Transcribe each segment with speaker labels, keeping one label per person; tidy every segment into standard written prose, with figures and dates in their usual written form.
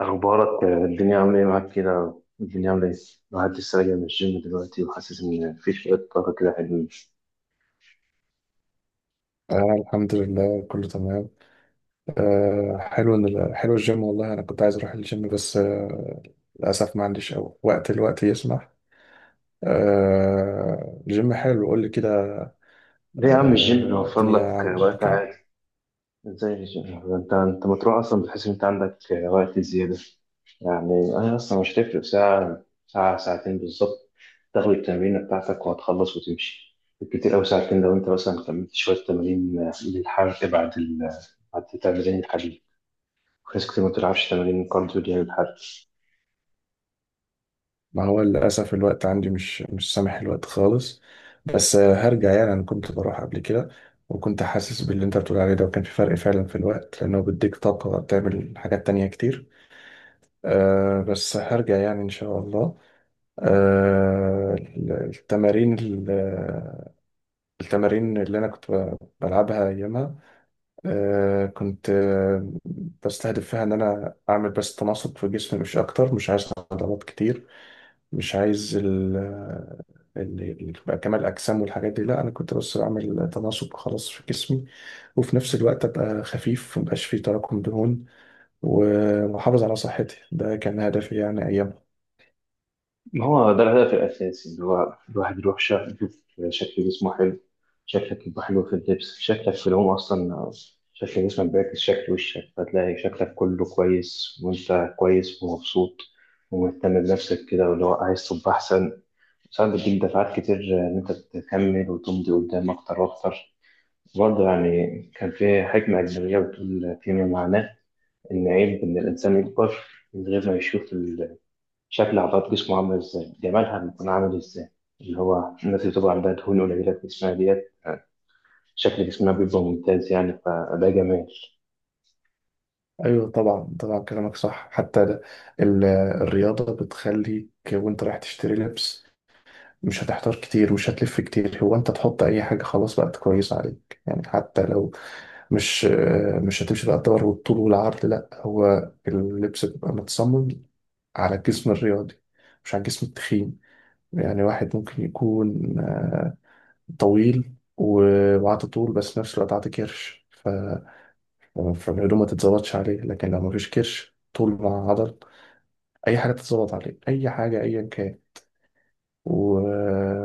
Speaker 1: أخبارك الدنيا عاملة إيه معاك كده؟ الدنيا عاملة إيه؟ الواحد لسه راجع من الجيم دلوقتي وحاسس إن في شوية طاقة كده حلوين.
Speaker 2: آه، الحمد لله كله تمام. آه، حلو إن حلو الجيم. والله أنا كنت عايز أروح الجيم بس آه، للأسف ما عنديش أو وقت، الوقت يسمح. آه، الجيم حلو، قول لي كده.
Speaker 1: ليه يا عم الجيم
Speaker 2: آه،
Speaker 1: بيوفر
Speaker 2: الدنيا
Speaker 1: لك
Speaker 2: عاملة
Speaker 1: وقت
Speaker 2: كام.
Speaker 1: عادي؟ إزاي الجيم؟ أنت ما تروح أصلا بتحس إن أنت عندك وقت زيادة. يعني أنا أصلا مش هتفرق ساعة ساعة ساعتين بالظبط، تاخد التمرينة بتاعتك وهتخلص وتمشي. بالكتير أوي ساعتين لو أنت مثلا كملت شوية تمارين للحرق بعد تمارين الحديد. في ناس كتير ما بتلعبش تمارين كارديو دي للحرق.
Speaker 2: ما هو للأسف الوقت عندي مش سامح، الوقت خالص. بس آه، هرجع يعني. أنا كنت بروح قبل كده، وكنت حاسس باللي أنت بتقول عليه ده، وكان في فرق فعلا في الوقت لأنه بيديك طاقة تعمل حاجات تانية كتير. آه، بس هرجع يعني إن شاء الله. آه، التمارين ال- التمارين اللي انا كنت بلعبها ايامها، كنت بستهدف فيها ان انا اعمل بس تناسق في جسمي، مش اكتر. مش عايز عضلات كتير، مش عايز يبقى كمال الاجسام والحاجات دي. لا، انا كنت بس بعمل تناسق خلاص في جسمي، وفي نفس الوقت ابقى خفيف، مبقاش فيه تراكم دهون، واحافظ على صحتي. ده كان هدفي يعني ايام.
Speaker 1: ما هو ده الهدف الأساسي اللي هو الواحد يروح يشوف شكل جسمه حلو، شكلك يبقى حلو في اللبس، شكلك في العموم أصلا شكل جسمك بيعكس شكل وشك، فتلاقي شكلك كله كويس وأنت كويس ومبسوط ومهتم بنفسك كده، واللي هو عايز تبقى أحسن. ساعات بتديك دفعات كتير إن أنت تكمل وتمضي قدام أكتر وأكتر. برضه يعني كان في حكمة أجنبية بتقول فيما معناه إن عيب إن الإنسان يكبر من غير ما يشوف شكل عضلات جسمه عاملة ازاي، جمالها بيكون عامل ازاي. اللي هو الناس اللي بتبقى عندها دهون قليلة في جسمها ديت شكل جسمها بيبقى ممتاز، يعني فده جمال.
Speaker 2: ايوه طبعا طبعا، كلامك صح. حتى ال- الرياضه بتخليك وانت رايح تشتري لبس مش هتحتار كتير، مش هتلف كتير. هو انت تحط اي حاجه خلاص بقت كويسه عليك، يعني حتى لو مش هتمشي بقى الدور والطول والعرض. لا، هو اللبس بيبقى متصمم على الجسم الرياضي، مش على الجسم التخين. يعني واحد ممكن يكون طويل وعاطي طول، بس في نفس الوقت عاطي كرش، ف... فالهدوم ما تتظبطش عليه. لكن لو مفيش كرش، طول مع عضل، اي حاجه تتظبط عليه، اي حاجه ايا كان. و...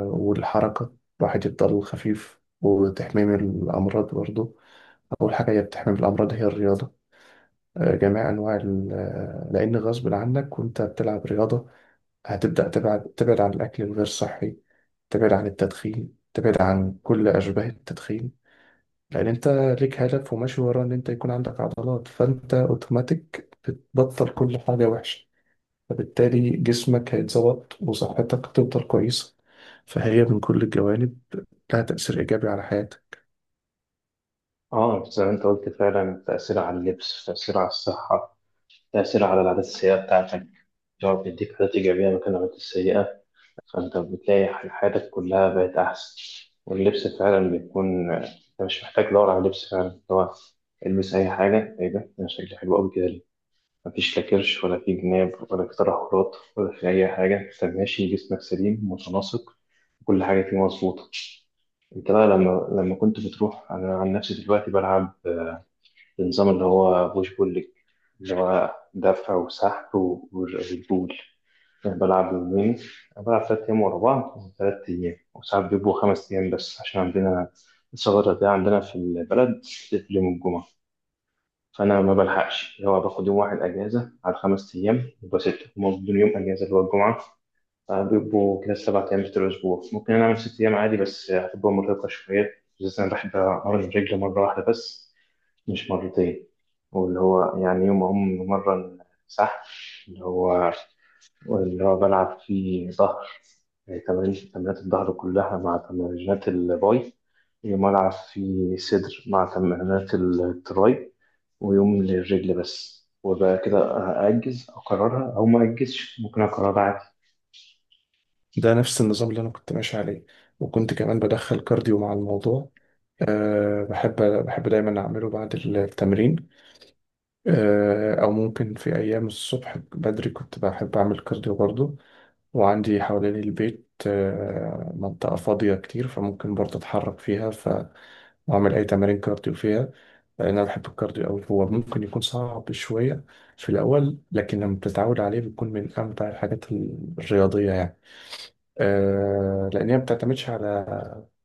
Speaker 2: والحركه، الواحد يفضل خفيف، وتحميم الامراض برضه. اول حاجه هي بتحمي من الامراض هي الرياضه. جميع انواع لان غصب عنك وانت بتلعب رياضه هتبدا تبعد عن الاكل الغير صحي، تبعد عن التدخين، تبعد عن كل اشباه التدخين. لان انت ليك هدف وماشي وراه، ان انت يكون عندك عضلات. فانت اوتوماتيك بتبطل كل حاجه وحشه، فبالتالي جسمك هيتظبط، وصحتك هتفضل كويسة. فهي من كل الجوانب لها تأثير إيجابي على حياتك.
Speaker 1: اه زي ما انت قلت فعلا، تأثير على اللبس، تأثير على الصحة، تأثير على العادات السيئة بتاعتك. لو بيديك عادات إيجابية مكان العادات السيئة فأنت بتلاقي حياتك كلها بقت أحسن. واللبس فعلا بيكون أنت مش محتاج تدور على لبس، فعلا هو البس أي حاجة، إيه ده أنا شكلي حلو أوي كده، مفيش لا كرش ولا في جناب ولا في تدهورات ولا في أي حاجة، أنت ماشي جسمك سليم متناسق، كل حاجة فيه مظبوطة. أنت بقى لما كنت بتروح، أنا عن نفسي دلوقتي بلعب النظام اللي هو بوش بول ليج، اللي هو دفع وسحب والبول. أنا بلعب يومين، أنا بلعب 3 أيام ورا بعض، 3 أيام وساعات بيبقوا 5 أيام، بس عشان عندنا الثغرة دي عندنا في البلد بتقفل يوم الجمعة. فانا ما بلحقش، اللي هو باخد يوم واحد اجازه على 5 ايام يبقى سته، هما بدون يوم اجازه اللي هو الجمعه فبيبقوا كده 7 ايام في الاسبوع. ممكن انا اعمل 6 ايام عادي بس هتبقى مرهقه شويه، بالذات انا بحب امرن الرجل مره واحده بس مش مرتين. واللي هو يعني يوم أقوم مرة سحب، اللي هو بلعب فيه ظهر، يعني تمرينات الظهر كلها مع تمرينات الباي، يوم ألعب فيه صدر مع تمرينات التراي، ويوم للرجل بس، وبقى كده أأجز أقررها أو ما أجزش، ممكن أقررها.
Speaker 2: ده نفس النظام اللي أنا كنت ماشي عليه، وكنت كمان بدخل كارديو مع الموضوع. أه، بحب دايما أعمله بعد التمرين. أه، أو ممكن في أيام الصبح بدري كنت بحب أعمل كارديو برضه. وعندي حوالين البيت أه، منطقة فاضية كتير، فممكن برضه أتحرك فيها، ف أعمل أي تمارين كارديو فيها. لأن أنا بحب الكارديو أوي. هو ممكن يكون صعب شوية في الأول، لكن لما بتتعود عليه بيكون من أمتع الحاجات الرياضية يعني. آه، لأن هي ما بتعتمدش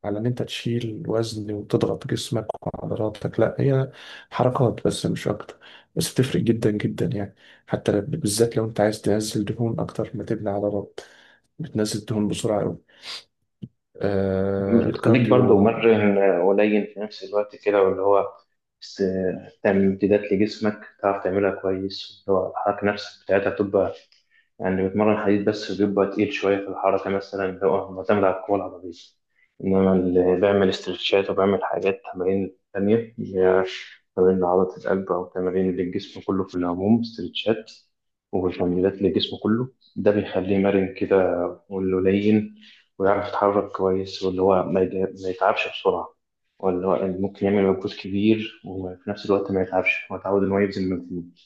Speaker 2: على إن أنت تشيل وزن وتضغط جسمك وعضلاتك. لا، هي حركات بس، مش أكتر. بس بتفرق جدا جدا يعني. بالذات لو أنت عايز تنزل دهون أكتر ما تبني عضلات، بتنزل دهون بسرعة أوي، آه،
Speaker 1: بتخليك برضه
Speaker 2: الكارديو.
Speaker 1: مرن، قليل في نفس الوقت كده، واللي هو بس تعمل امتدادات لجسمك تعرف تعملها كويس، اللي هو الحركة نفسك بتاعتها تبقى يعني بتمرن حديد بس بيبقى تقيل شوية في الحركة مثلا، اللي هو معتمد على القوة العضلية. إنما اللي بيعمل استرتشات وبيعمل حاجات تمارين تانية، اللي هي تمارين لعضلة القلب أو تمارين للجسم كله في العموم، استرتشات وتمرينات للجسم كله، ده بيخليه مرن كده ولين، ويعرف يتحرك كويس، واللي هو ما يتعبش بسرعة، واللي هو ممكن يعمل مجهود كبير وفي نفس الوقت ما يتعبش، هو اتعود إن هو يبذل مجهود.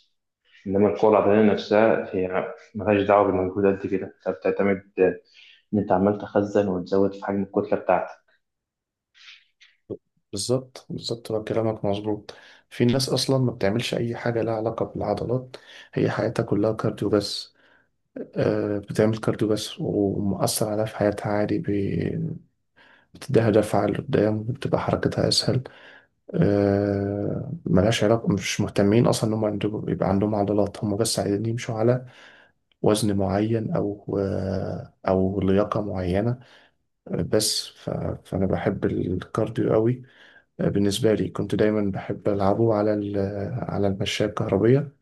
Speaker 1: إنما القوة البدنية نفسها هي ملهاش دعوة بالمجهود قد كده، أنت بتعتمد إن أنت عمال تخزن وتزود في حجم الكتلة بتاعتك.
Speaker 2: بالظبط بالظبط، هو كلامك مظبوط. في ناس اصلا ما بتعملش اي حاجه لها علاقه بالعضلات، هي حياتها كلها كارديو بس. آه، بتعمل كارديو بس، ومؤثر عليها في حياتها عادي. بتديها دفعه لقدام، بتبقى حركتها اسهل. آه، ملهاش علاقه، مش مهتمين اصلا ان هم عندهم يبقى عندهم عضلات، هم بس عايزين يمشوا على وزن معين او آه، او لياقه معينه. آه، بس ف... فانا بحب الكارديو قوي. بالنسبة لي كنت دايما بحب ألعبه على على المشاية الكهربية.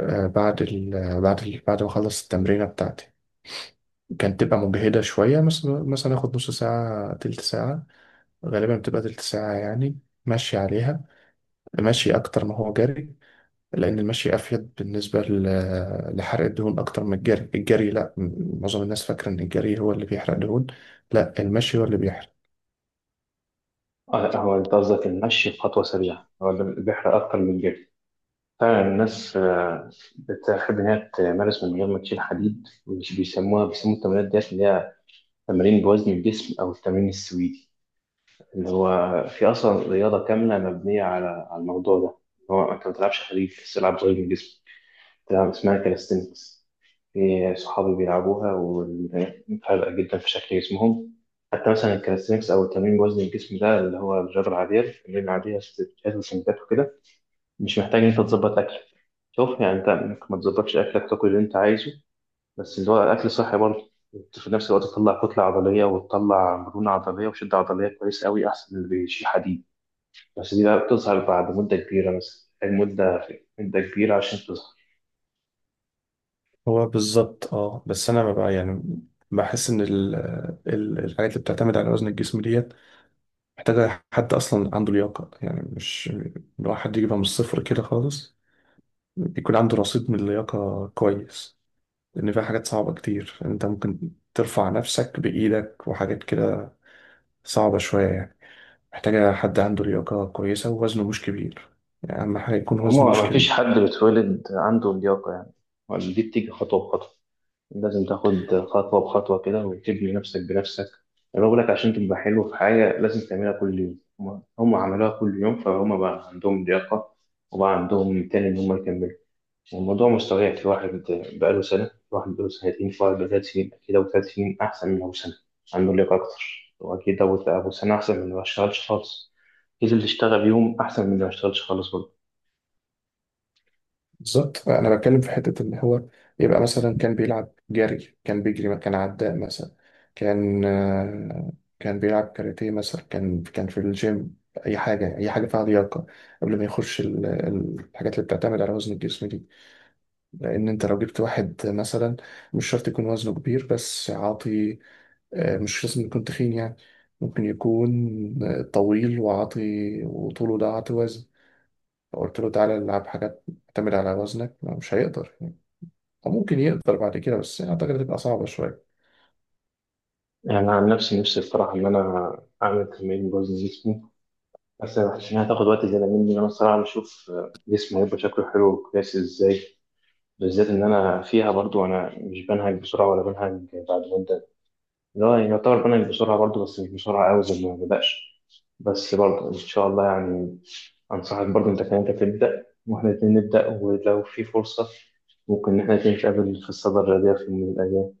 Speaker 2: آه، بعد ما أخلص التمرينة بتاعتي، كانت تبقى مجهدة شوية. مثلا آخد نص ساعة، تلت ساعة، غالبا بتبقى تلت ساعة يعني، مشي عليها، مشي أكتر ما هو جري. لأن المشي أفيد بالنسبة لحرق الدهون أكتر من الجري. الجري لأ، معظم الناس فاكرة إن الجري هو اللي بيحرق دهون. لأ، المشي هو اللي بيحرق.
Speaker 1: آه لا هو أنت قصدك المشي بخطوة سريعة، هو ده اللي بيحرق أكتر من الجري. فعلا الناس بتحب إن هي تمارس من غير ما تشيل حديد، مش بيسموا التمرينات ديت اللي هي تمارين بوزن الجسم أو التمرين السويدي. اللي هو في اصلا رياضه كامله مبنيه على الموضوع ده، هو انت ما بتلعبش حديد بس تلعب غير من جسمك، بتلعب اسمها كاليستينكس. في صحابي بيلعبوها وفارقه جدا في شكل جسمهم. حتى مثلا الكاليستينكس او التمرين بوزن الجسم ده اللي هو الرياضه العاديه، التمرين العاديه ستات وسنتات وكده، مش محتاج ان انت تظبط اكلك. شوف يعني انت ممكن ما تظبطش اكلك، تاكل اللي انت عايزه بس اللي هو اكل صحي برضه، في نفس الوقت تطلع كتله عضليه وتطلع مرونه عضليه وشده عضليه كويس قوي، احسن من اللي بيشيل حديد. بس دي بقى بتظهر بعد مدة كبيرة، مثلا مدة كبيرة عشان تظهر.
Speaker 2: هو بالظبط، اه. بس انا ببقى يعني بحس ان ال ال الحاجات اللي بتعتمد على وزن الجسم ديت محتاجه حد اصلا عنده لياقه، يعني مش الواحد يجيبها من الصفر كده خالص، يكون عنده رصيد من اللياقه كويس. لان فيها حاجات صعبه كتير، يعني انت ممكن ترفع نفسك بايدك وحاجات كده، صعبه شويه يعني. محتاجه حد عنده لياقه كويسه ووزنه مش كبير، يعني اهم حاجه يكون
Speaker 1: ما
Speaker 2: وزنه
Speaker 1: هما
Speaker 2: مش
Speaker 1: ما فيش
Speaker 2: كبير.
Speaker 1: حد بيتولد عنده اللياقة يعني، ولا دي بتيجي خطوة بخطوة، لازم تاخد خطوة بخطوة كده وتبني نفسك بنفسك. أنا بقول لك عشان تبقى حلو في حاجة لازم تعملها كل يوم، هم عملوها كل يوم فهم بقى عندهم لياقة، وبقى عندهم تاني إن هم يكملوا. والموضوع مستويع في واحد بقاله سنة، في واحد بقاله سنتين، في واحد بقاله 3 سنين، أكيد أبو 3 سنين أحسن من أبو سنة، عنده لياقة أكتر، وأكيد أبو سنة أحسن من اللي ما اشتغلش خالص، أكيد اللي اشتغل يوم أحسن من اللي ما اشتغلش خالص برضه.
Speaker 2: بالظبط، انا بتكلم في حته اللي هو يبقى مثلا كان بيلعب جري، كان بيجري، كان عداء مثلا، كان آه، كان بيلعب كاراتيه مثلا، كان في الجيم، اي حاجه، اي حاجه فيها لياقه، قبل ما يخش الحاجات اللي بتعتمد على وزن الجسم دي. لان انت لو جبت واحد مثلا، مش شرط يكون وزنه كبير بس عاطي، آه، مش لازم يكون تخين يعني، ممكن يكون آه، طويل وعاطي، وطوله ده عاطي وزن. فقلت له تعالى العب حاجات تعتمد على وزنك، مش هيقدر. أو ممكن يقدر بعد كده، بس أعتقد هتبقى صعبة شوية.
Speaker 1: يعني أنا عن نفسي بصراحة إن أنا أعمل تمرين بوزن جسمي، بس ما حسيتش انها تاخد وقت زياده مني، انا الصراحه بشوف جسمي هيبقى شكله حلو وكويس ازاي، بالذات ان انا فيها برضو. انا مش بنهج بسرعه ولا بنهج بعد مده، لا يعني يعتبر بنهج بسرعه برضو بس مش بسرعه قوي زي ما بدأش. بس برضو ان شاء الله يعني انصحك برضو انت كمان، انت تبدا واحنا الاتنين نبدا، ولو في فرصه ممكن ان احنا الاتنين نتقابل في الصدى الرياضيه في يوم من الايام.